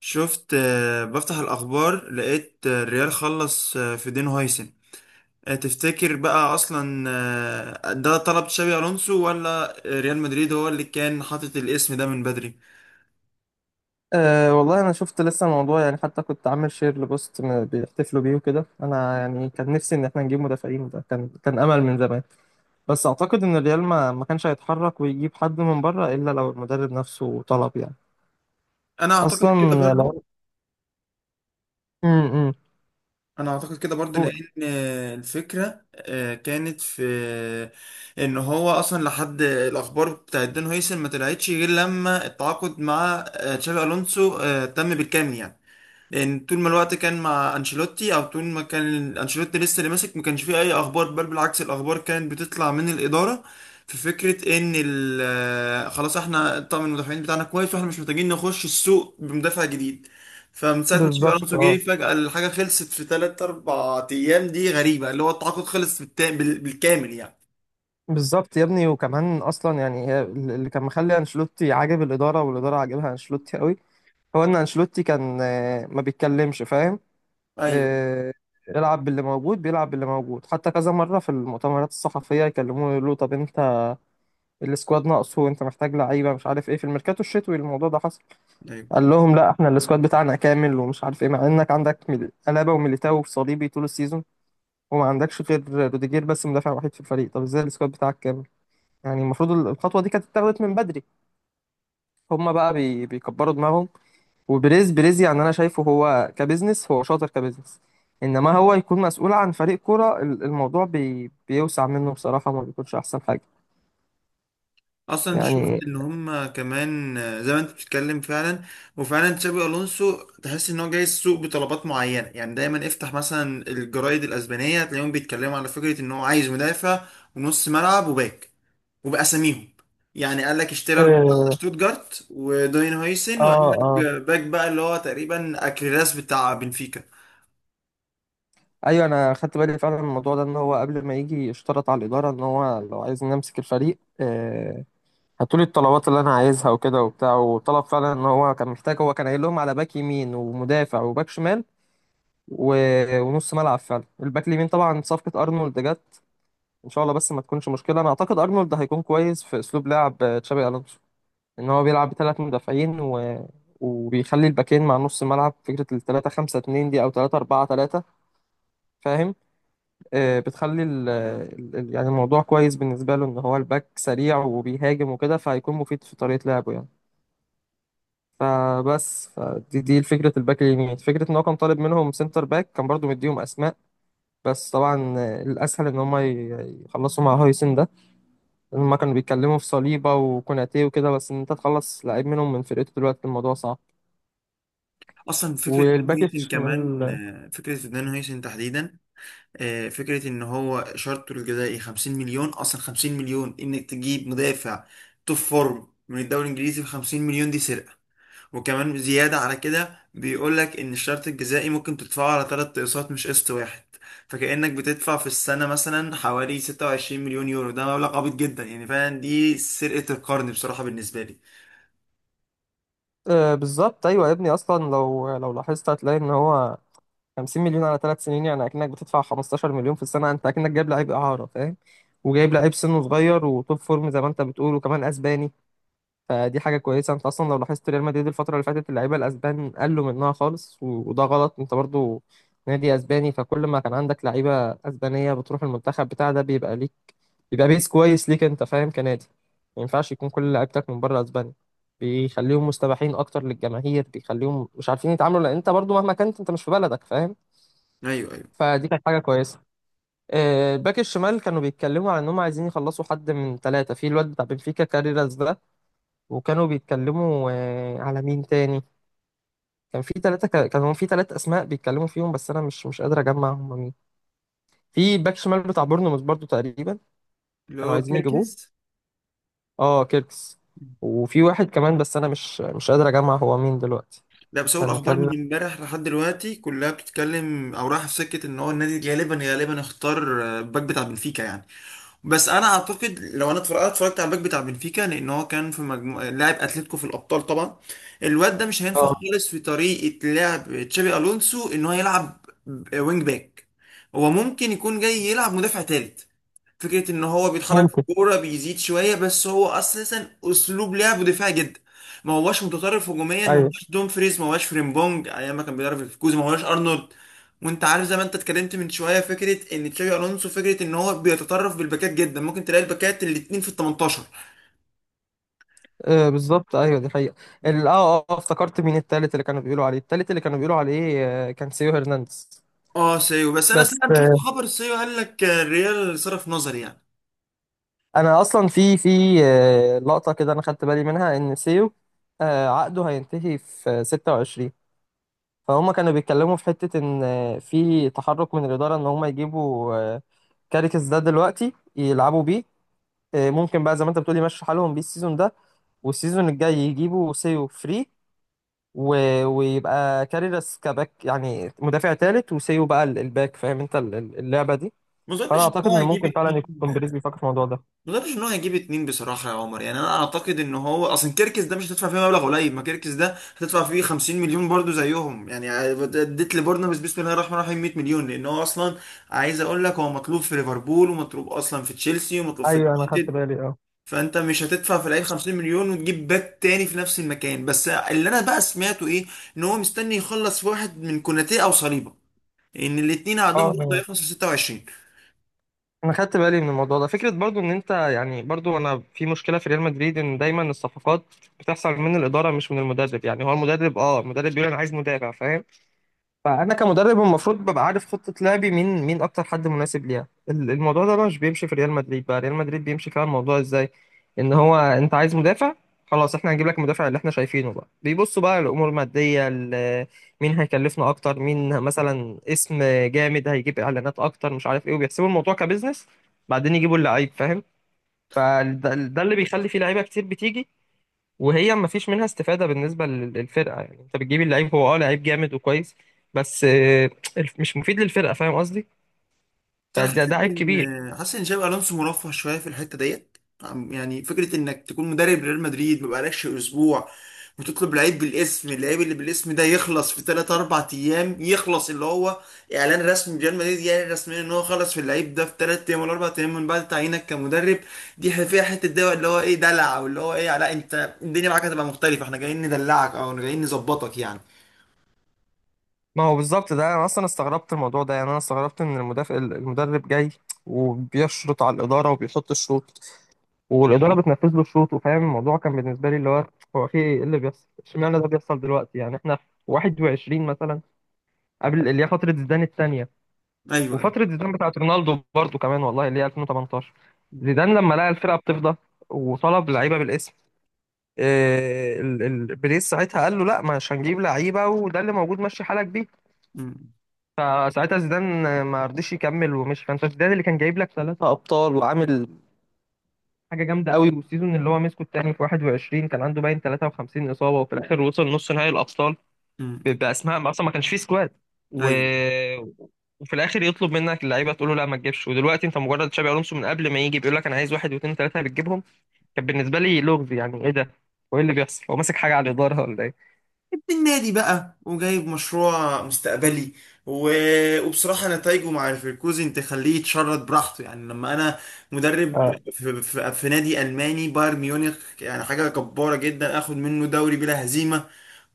شفت بفتح الأخبار لقيت الريال خلص في دين هايسن. تفتكر بقى أصلا ده طلب تشابي ألونسو ولا ريال مدريد هو اللي كان حاطط الاسم ده من بدري؟ أه، والله انا شفت لسه الموضوع، حتى كنت عامل شير لبوست بيحتفلوا بيه وكده، انا يعني كان نفسي ان احنا نجيب مدافعين. ده كان امل من زمان. بس اعتقد ان الريال ما كانش هيتحرك ويجيب حد من بره الا لو المدرب نفسه طلب، يعني أنا أعتقد اصلا. كده برضو. لو امم أنا أعتقد كده برضو لأن الفكرة كانت في إن هو أصلا لحد الأخبار بتاع دين هايسن ما طلعتش غير لما التعاقد مع تشابي ألونسو تم بالكامل يعني. لان طول ما الوقت كان مع انشيلوتي او طول ما كان انشيلوتي لسه اللي ماسك ما كانش فيه اي اخبار، بل بالعكس الاخبار كانت بتطلع من الاداره في فكره ان خلاص احنا طقم المدافعين بتاعنا كويس واحنا مش محتاجين نخش السوق بمدافع جديد. فمن ساعه ما تشافي بالظبط. الونسو جه اه، فجاه الحاجه خلصت في 3 4 ايام، دي غريبه، اللي هو التعاقد خلص بالكامل يعني. بالظبط يا ابني. وكمان اصلا يعني هي اللي كان مخلي انشيلوتي عاجب الاداره، والاداره عاجبها انشيلوتي قوي، هو ان انشيلوتي كان ما بيتكلمش، فاهم؟ ايوه، آه، العب باللي موجود، بيلعب باللي موجود. حتى كذا مرة في المؤتمرات الصحفية يكلموه يقولوا له، طب انت السكواد ناقصه وانت محتاج لعيبة، مش عارف ايه، في الميركاتو الشتوي الموضوع ده حصل، قال لهم لا احنا السكواد بتاعنا كامل ومش عارف ايه، مع انك عندك ألابا وميليتاو وصليبي طول السيزون، وما عندكش غير روديجير بس مدافع وحيد في الفريق. طب ازاي السكواد بتاعك كامل؟ يعني المفروض الخطوة دي كانت اتاخدت من بدري. هما بقى بيكبروا دماغهم. وبريز، بريز يعني انا شايفه هو كبزنس هو شاطر، كبزنس. انما هو يكون مسؤول عن فريق كرة، الموضوع بيوسع منه بصراحة، ما بيكونش احسن حاجة. اصلا شفت يعني ان هم كمان زي ما انت بتتكلم فعلا. وفعلا تشابي الونسو تحس ان هو جاي السوق بطلبات معينه، يعني دايما افتح مثلا الجرايد الاسبانيه تلاقيهم بيتكلموا على فكره ان هو عايز مدافع ونص ملعب وباك، وباساميهم. يعني قال لك اشتيرر بتاع اه شتوتجارت وداين هويسن، وقال اه لك آه. باك بقى اللي هو تقريبا اكريلاس بتاع بنفيكا. ايوه، انا خدت بالي فعلا من الموضوع ده، ان هو قبل ما يجي اشترط على الإدارة، ان هو لو عايز امسك الفريق، هاتوا لي الطلبات اللي انا عايزها وكده وبتاع. وطلب فعلا ان هو كان محتاج، هو كان قايل لهم على باك يمين، ومدافع، وباك شمال، و... ونص ملعب. فعلا الباك اليمين طبعا صفقة ارنولد جت، ان شاء الله بس ما تكونش مشكله. انا اعتقد ارنولد هيكون كويس في اسلوب لعب تشابي الونسو، ان هو بيلعب بثلاث مدافعين، وبيخلي الباكين مع نص الملعب، فكره ال 3 5 2 دي او 3 4 3، فاهم؟ بتخلي يعني الموضوع كويس بالنسبه له، ان هو الباك سريع وبيهاجم وكده، فهيكون مفيد في طريقه لعبه يعني. فبس فدي دي فكره الباك اليمين. فكره ان هو كان طالب منهم سنتر باك، كان برضو مديهم اسماء. بس طبعا الاسهل ان هم يخلصوا مع هويسن ده. هما كانوا بيتكلموا في صليبة وكوناتي وكده، بس إن أنت تخلص لعيب منهم من فرقته دلوقتي الموضوع صعب. اصلا فكره داين والباك هويسن كمان، الشمال، فكره داين هويسن تحديدا، فكرة ان هو شرطه الجزائي 50 مليون، اصلا 50 مليون انك تجيب مدافع توب فورم من الدوري الانجليزي ب 50 مليون دي سرقة. وكمان زيادة على كده بيقول لك ان الشرط الجزائي ممكن تدفعه على ثلاث اقساط مش قسط واحد، فكأنك بتدفع في السنة مثلا حوالي 26 مليون يورو. ده مبلغ عبيط جدا يعني، فعلا دي سرقة القرن بصراحة بالنسبة لي. آه بالظبط. أيوة يا ابني، أصلا لو لاحظت هتلاقي إن هو 50 مليون على ثلاث سنين، يعني أكنك بتدفع 15 مليون في السنة. أنت أكنك جايب لعيب إعارة، فاهم؟ وجايب لعيب سنه صغير وتوب فورم زي ما أنت بتقول، وكمان أسباني. فدي حاجة كويسة. أنت أصلا لو لاحظت ريال مدريد الفترة اللي فاتت اللعيبة الأسبان قلوا منها خالص، وده غلط. أنت برضو نادي اسباني، فكل ما كان عندك لعيبه اسبانيه بتروح المنتخب بتاع ده بيبقى ليك، يبقى بيس كويس ليك انت، فاهم؟ كنادي ما ينفعش يكون كل لعيبتك من بره اسبانيا، بيخليهم مستباحين اكتر للجماهير، بيخليهم مش عارفين يتعاملوا، لان انت برضو مهما كنت انت مش في بلدك، فاهم؟ ايوه، ايوه، فدي كانت حاجه كويسه. الباك الشمال كانوا بيتكلموا على انهم عايزين يخلصوا حد من ثلاثه، في الواد بتاع بنفيكا كاريراس ده. وكانوا بيتكلموا على مين تاني، كان في ثلاثه، كانوا في ثلاث اسماء بيتكلموا فيهم، بس انا مش قادر اجمع هم مين. في باك شمال بتاع بورنموث برضو تقريبا، اللي كانوا هو عايزين يجيبوه، كيركز. اه كيركس. وفي واحد كمان بس انا مش قادر اجمع هو مين دلوقتي. لا بس هو كان الاخبار كان من امبارح لحد دلوقتي كلها بتتكلم او رايحه في سكه ان هو النادي غالبا غالبا اختار الباك بتاع بنفيكا يعني. بس انا اعتقد لو انا اتفرجت على الباك بتاع بنفيكا، لان هو كان في مجموعه لاعب اتلتيكو في الابطال طبعا، الواد ده مش هينفع اه خالص في طريقه لعب تشابي الونسو ان هو يلعب وينج باك. هو ممكن يكون جاي يلعب مدافع تالت، فكرة ان هو بيتحرك في ممكن. الكورة بيزيد شوية، بس هو اساسا اسلوب لعبه دفاعي جدا. ما هواش متطرف هجوميا، ما ايوه، هواش دومفريز، ما هواش فريمبونج ايام ما كان بيدرب في كوزا، ما هواش ارنولد. وانت عارف زي ما انت اتكلمت من شوية فكرة ان تشابي الونسو فكرة ان هو بيتطرف بالباكات جدا، ممكن تلاقي الباكات الاتنين في ال 18. آه بالظبط ايوه دي حقيقة. افتكرت مين التالت اللي كانوا بيقولوا عليه، التالت اللي كانوا بيقولوا عليه آه، كان سيو هرنانديز. اه، سيو، بس انا بس سمعت شفت آه خبر سيو قال لك الريال صرف نظر يعني. انا اصلا في في آه لقطة كده انا خدت بالي منها، ان سيو عقده هينتهي في 26، فهم كانوا بيتكلموا في حتة ان في تحرك من الإدارة ان هم يجيبوا كاريكس ده دلوقتي يلعبوا بيه. ممكن بقى زي ما انت بتقولي مشي حالهم بيه السيزون ده، والسيزون الجاي يجيبوا سيو فري، و... ويبقى كاريراس كباك، يعني مدافع تالت، وسيو بقى الباك، فاهم انت اللعبة دي؟ ما فانا اظنش ان اعتقد هو ان هيجيب ممكن فعلا اتنين. يكون بيريز بيفكر في الموضوع ده. ما اظنش ان هو هيجيب اتنين بصراحه يا عمر، يعني انا اعتقد ان هو اصلا كيركس ده مش هتدفع فيه مبلغ قليل، ما كيركس ده هتدفع فيه 50 مليون برضو زيهم، يعني اديت لبورنموث بسم الله الرحمن الرحيم 100 مليون. لان هو اصلا عايز اقول لك هو مطلوب في ليفربول ومطلوب اصلا في تشيلسي ومطلوب في ايوه انا خدت اليونايتد. بالي اه. فانت مش هتدفع في اللعيب 50 مليون وتجيب باك تاني في نفس المكان. بس اللي انا بقى سمعته ايه ان هو مستني يخلص في واحد من كوناتي او صليبه، ان الاتنين عندهم اه برضه انا هيخلصوا 26. أنا خدت بالي من الموضوع ده، فكره برضو ان انت يعني برضو، انا في مشكله في ريال مدريد ان دايما الصفقات بتحصل من الاداره مش من المدرب. يعني هو المدرب، بيقول انا عايز مدافع، فاهم؟ فانا كمدرب المفروض ببقى عارف خطه لعبي، مين اكتر حد مناسب ليها. الموضوع ده بقى مش بيمشي في ريال مدريد، بقى ريال مدريد بيمشي فيها الموضوع ازاي، ان هو انت عايز مدافع، خلاص احنا هنجيب لك المدافع اللي احنا شايفينه، بقى بيبصوا بقى الامور الماديه، مين هيكلفنا اكتر، مين مثلا اسم جامد هيجيب اعلانات اكتر، مش عارف ايه، وبيحسبوا الموضوع كبزنس، بعدين يجيبوا اللعيب، فاهم؟ فده اللي بيخلي فيه لعيبه كتير بتيجي وهي ما فيش منها استفادة بالنسبة للفرقة. يعني انت بتجيب اللعيب، هو اه لعيب جامد وكويس، بس مش مفيد للفرقة، فاهم قصدي؟ بس انا فده حاسس ده عيب كبير. ان، حاسس ان شابي الونسو مرفه شويه في الحته ديت. يعني فكره انك تكون مدرب ريال مدريد ما بقالكش اسبوع وتطلب لعيب بالاسم، اللعيب اللي بالاسم ده يخلص في 3 4 ايام، يخلص اللي هو اعلان رسمي ريال مدريد يعني رسميا ان هو خلص في اللعيب ده في 3 ايام ولا 4 ايام من بعد تعيينك كمدرب. دي فيها حته دواء اللي هو ايه دلع، واللي هو ايه لا انت الدنيا معاك هتبقى مختلفه، احنا جايين ندلعك او جايين نظبطك يعني. ما هو بالظبط ده، انا اصلا استغربت الموضوع ده، يعني انا استغربت ان المدافع المدرب جاي وبيشرط على الإدارة وبيحط الشروط والإدارة بتنفذ له شروطه، فاهم؟ الموضوع كان بالنسبة لي اللي هو، هو في ايه اللي بيحصل؟ اشمعنى ده بيحصل دلوقتي؟ يعني احنا في 21 مثلا، قبل اللي هي فترة زيدان الثانية، ايوه، ايوه. وفترة زيدان بتاعت رونالدو برضو كمان والله، اللي هي 2018، م- زيدان لما لقى الفرقة بتفضى وطلب لعيبة بالاسم، بريس ساعتها قال له لا مش هنجيب لعيبة وده اللي موجود ماشي حالك بيه، م- فساعتها زيدان ما رضيش يكمل ومشي. فانت زيدان اللي كان جايب لك ثلاثة أبطال، وعامل حاجة جامدة قوي، والسيزون اللي هو مسكه التاني في 21 كان عنده باين 53 إصابة، وفي الآخر وصل نص نهائي الأبطال م- باسماء ما اصلا ما كانش فيه سكواد، و... ايوه وفي الاخر يطلب منك اللعيبه تقول له لا ما تجيبش. ودلوقتي انت مجرد تشابي الونسو، من قبل ما يجي بيقول لك انا عايز واحد واثنين ثلاثه بتجيبهم. كان بالنسبه لي لغز، يعني ايه ده وايه اللي بيحصل؟ هو ماسك حاجه على الاداره ولا ايه؟ ابن النادي بقى وجايب مشروع مستقبلي. و... وبصراحة نتائجه مع ليفركوزن تخليه يتشرد براحته يعني. لما أنا مدرب اه في نادي ألماني بايرن ميونخ يعني حاجة جبارة جدا آخد منه دوري بلا هزيمة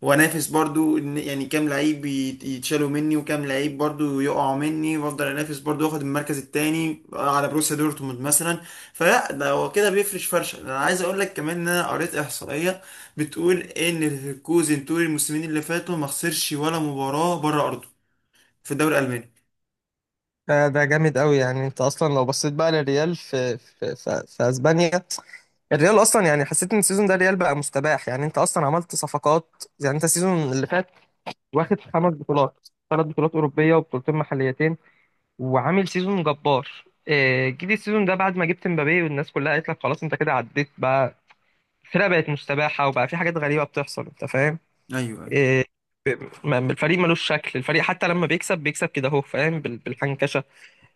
وأنافس برضو يعني كام لعيب يتشالوا مني وكام لعيب برضو يقعوا مني وأفضل أنافس برضو وآخد المركز التاني على بروسيا دورتموند مثلا. فلا، ده هو كده بيفرش فرشة. أنا عايز أقول لك كمان إن أنا قريت إحصائية بتقول ان ليفركوزن طول الموسمين اللي فاتوا ما خسرش ولا مباراة بره ارضه في الدوري الالماني. ده ده جامد قوي. يعني انت اصلا لو بصيت بقى للريال في اسبانيا، الريال اصلا يعني حسيت ان السيزون ده الريال بقى مستباح. يعني انت اصلا عملت صفقات، يعني انت السيزون اللي فات واخد خمس بطولات، ثلاث بطولات اوروبيه وبطولتين محليتين، وعامل سيزون جبار. جيت السيزون ده بعد ما جبت مبابي، والناس كلها قالت لك خلاص انت كده عديت بقى، الفرقه بقت مستباحه وبقى في حاجات غريبه بتحصل، انت فاهم؟ ايوه، ايوه. آه، الفريق ملوش شكل، الفريق حتى لما بيكسب بيكسب كده اهو، فاهم؟ بالحنكشه.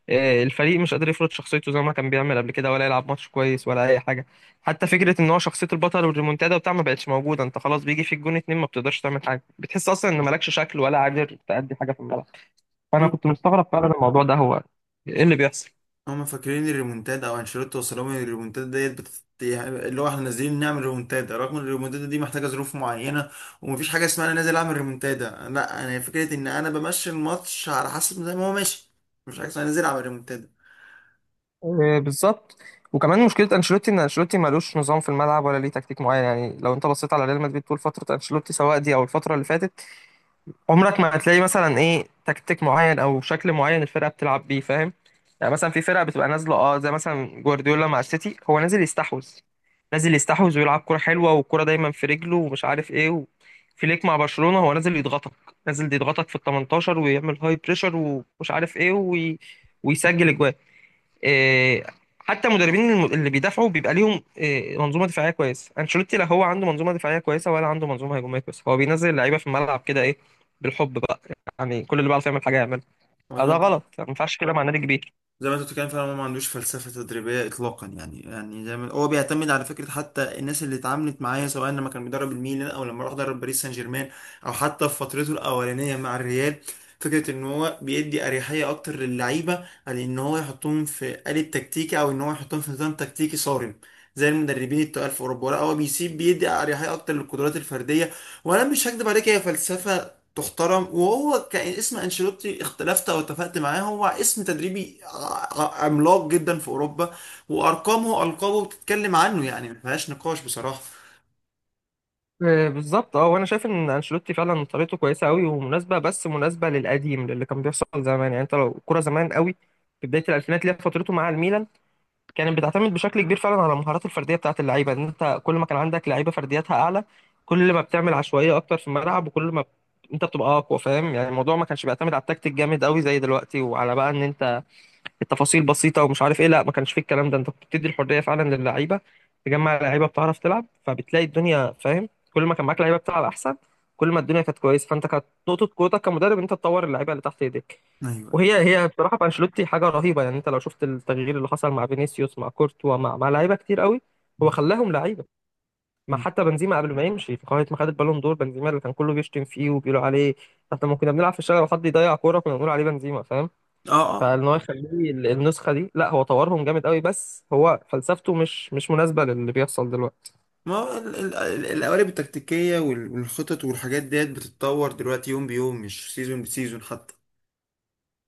الفريق مش قادر يفرض شخصيته زي ما كان بيعمل قبل كده، ولا يلعب ماتش كويس ولا اي حاجه. حتى فكره ان هو شخصيه البطل والريمونتادا وبتاع ما بقتش موجوده، انت خلاص بيجي في الجون اتنين ما بتقدرش تعمل حاجه، بتحس اصلا ان مالكش شكل ولا قادر تأدي حاجه في الملعب. فانا مم. كنت مستغرب فعلا الموضوع ده، هو ايه اللي بيحصل؟ هما فاكرين الريمونتادا، او انشيلوتي وصل لهم إن الريمونتادا ديت اللي هو احنا نازلين نعمل ريمونتادا، رغم ان الريمونتادا دي محتاجه ظروف معينه، ومفيش حاجه اسمها انا نازل اعمل ريمونتادا. لا، انا فكره ان انا بمشي الماتش على حسب زي ما هو ماشي، مفيش حاجه اسمها نازل اعمل ريمونتادا. بالظبط. وكمان مشكله انشيلوتي ان انشيلوتي ملوش نظام في الملعب، ولا ليه تكتيك معين. يعني لو انت بصيت على ريال مدريد طول فتره انشيلوتي، سواء دي او الفتره اللي فاتت، عمرك ما هتلاقي مثلا ايه تكتيك معين او شكل معين الفرقه بتلعب بيه، فاهم؟ يعني مثلا في فرقه بتبقى نازله اه زي مثلا جوارديولا مع السيتي، هو نازل يستحوذ، ويلعب كرة حلوة، والكرة دايما في رجله ومش عارف ايه، فليك مع برشلونة هو نازل يضغطك، في ال 18، ويعمل هاي بريشر ومش عارف ايه، ويسجل اجوان. آه، حتى المدربين اللي بيدافعوا بيبقى ليهم منظومه دفاعيه كويسه. انشيلوتي لا هو عنده منظومه دفاعيه كويسه ولا عنده منظومه هجوميه كويسه، هو بينزل اللعيبه في الملعب كده ايه، بالحب بقى. يعني كل اللي بيعرف يعمل حاجه يعملها. ده غلط، ما ينفعش كده مع نادي كبير. زي ما انت بتتكلم فعلا هو ما عندوش فلسفة تدريبية إطلاقا، يعني زي ما هو بيعتمد على فكرة حتى الناس اللي اتعاملت معايا سواء لما كان بيدرب الميلان أو لما راح درب باريس سان جيرمان أو حتى في فترته الأولانية مع الريال، فكرة إن هو بيدي أريحية أكتر للعيبة على إن هو يحطهم في آلة تكتيكي أو إن هو يحطهم في نظام تكتيكي صارم زي المدربين التقال في أوروبا. لا هو بيسيب، بيدي أريحية أكتر للقدرات الفردية. وأنا مش هكدب عليك هي فلسفة تحترم، وهو كان اسم انشيلوتي، اختلفت او اتفقت معاه هو اسم تدريبي عملاق جدا في اوروبا، وارقامه القابه بتتكلم عنه يعني ما فيهاش نقاش بصراحه. بالظبط اه، وانا شايف ان انشيلوتي فعلا طريقته كويسه قوي ومناسبه، بس مناسبه للقديم، للي كان بيحصل زمان. يعني انت لو الكوره زمان قوي في بدايه الالفينات اللي هي فترته مع الميلان، كانت بتعتمد بشكل كبير فعلا على المهارات الفرديه بتاعت اللعيبه، ان انت كل ما كان عندك لعيبه فردياتها اعلى كل ما بتعمل عشوائيه اكتر في الملعب، وكل ما انت بتبقى اقوى، فاهم؟ يعني الموضوع ما كانش بيعتمد على التكتيك جامد قوي زي دلوقتي، وعلى بقى ان انت التفاصيل بسيطه ومش عارف ايه، لا ما كانش فيه الكلام ده. انت كنت بتدي الحريه فعلا للعيبه، تجمع لعيبه بتعرف تلعب فبتلاقي الدنيا، فاهم؟ كل ما كان معاك لعيبه بتلعب احسن، كل ما الدنيا كانت كويسه. فانت كانت نقطه قوتك كمدرب انت تطور اللعيبه اللي تحت ايديك، ايوه، ايوه. وهي بصراحه في انشيلوتي حاجه رهيبه. يعني انت لو شفت التغيير اللي حصل مع فينيسيوس، مع كورتوا، مع لعيبه كتير قوي، هو خلاهم لعيبه. ما مم. حتى بنزيما قبل ما يمشي في قائمه ما خد البالون دور، بنزيما اللي كان كله بيشتم فيه وبيقولوا عليه، احنا لما كنا بنلعب في الشارع وحد يضيع كوره كنا بنقول عليه بنزيما، فاهم؟ اه، اه، فان هو يخليه النسخه دي، لا هو طورهم جامد قوي، بس هو فلسفته مش مناسبه للي بيحصل دلوقتي. ما هو ال- القوالب التكتيكيه والخطط والحاجات ديت بتتطور دلوقتي يوم بيوم مش سيزون بسيزون حتى.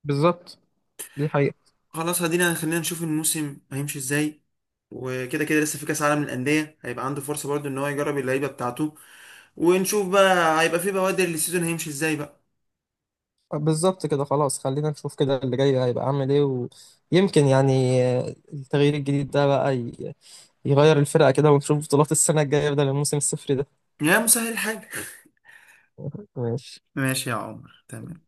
بالظبط، دي حقيقه. خلاص، خلينا نشوف الموسم هيمشي ازاي. وكده كده لسه في كاس عالم للانديه هيبقى عنده فرصه برضو ان هو يجرب اللعيبه بتاعته، ونشوف بقى هيبقى في بوادر للسيزون هيمشي ازاي بقى. بالظبط كده، خلاص خلينا نشوف كده اللي جاي هيبقى عامل ايه، ويمكن يعني التغيير الجديد ده بقى يغير الفرقه كده، ونشوف بطولات السنه الجايه بدل الموسم الصفر ده. يا مسهل الحاجه. ماشي. ماشي يا عمر، تمام.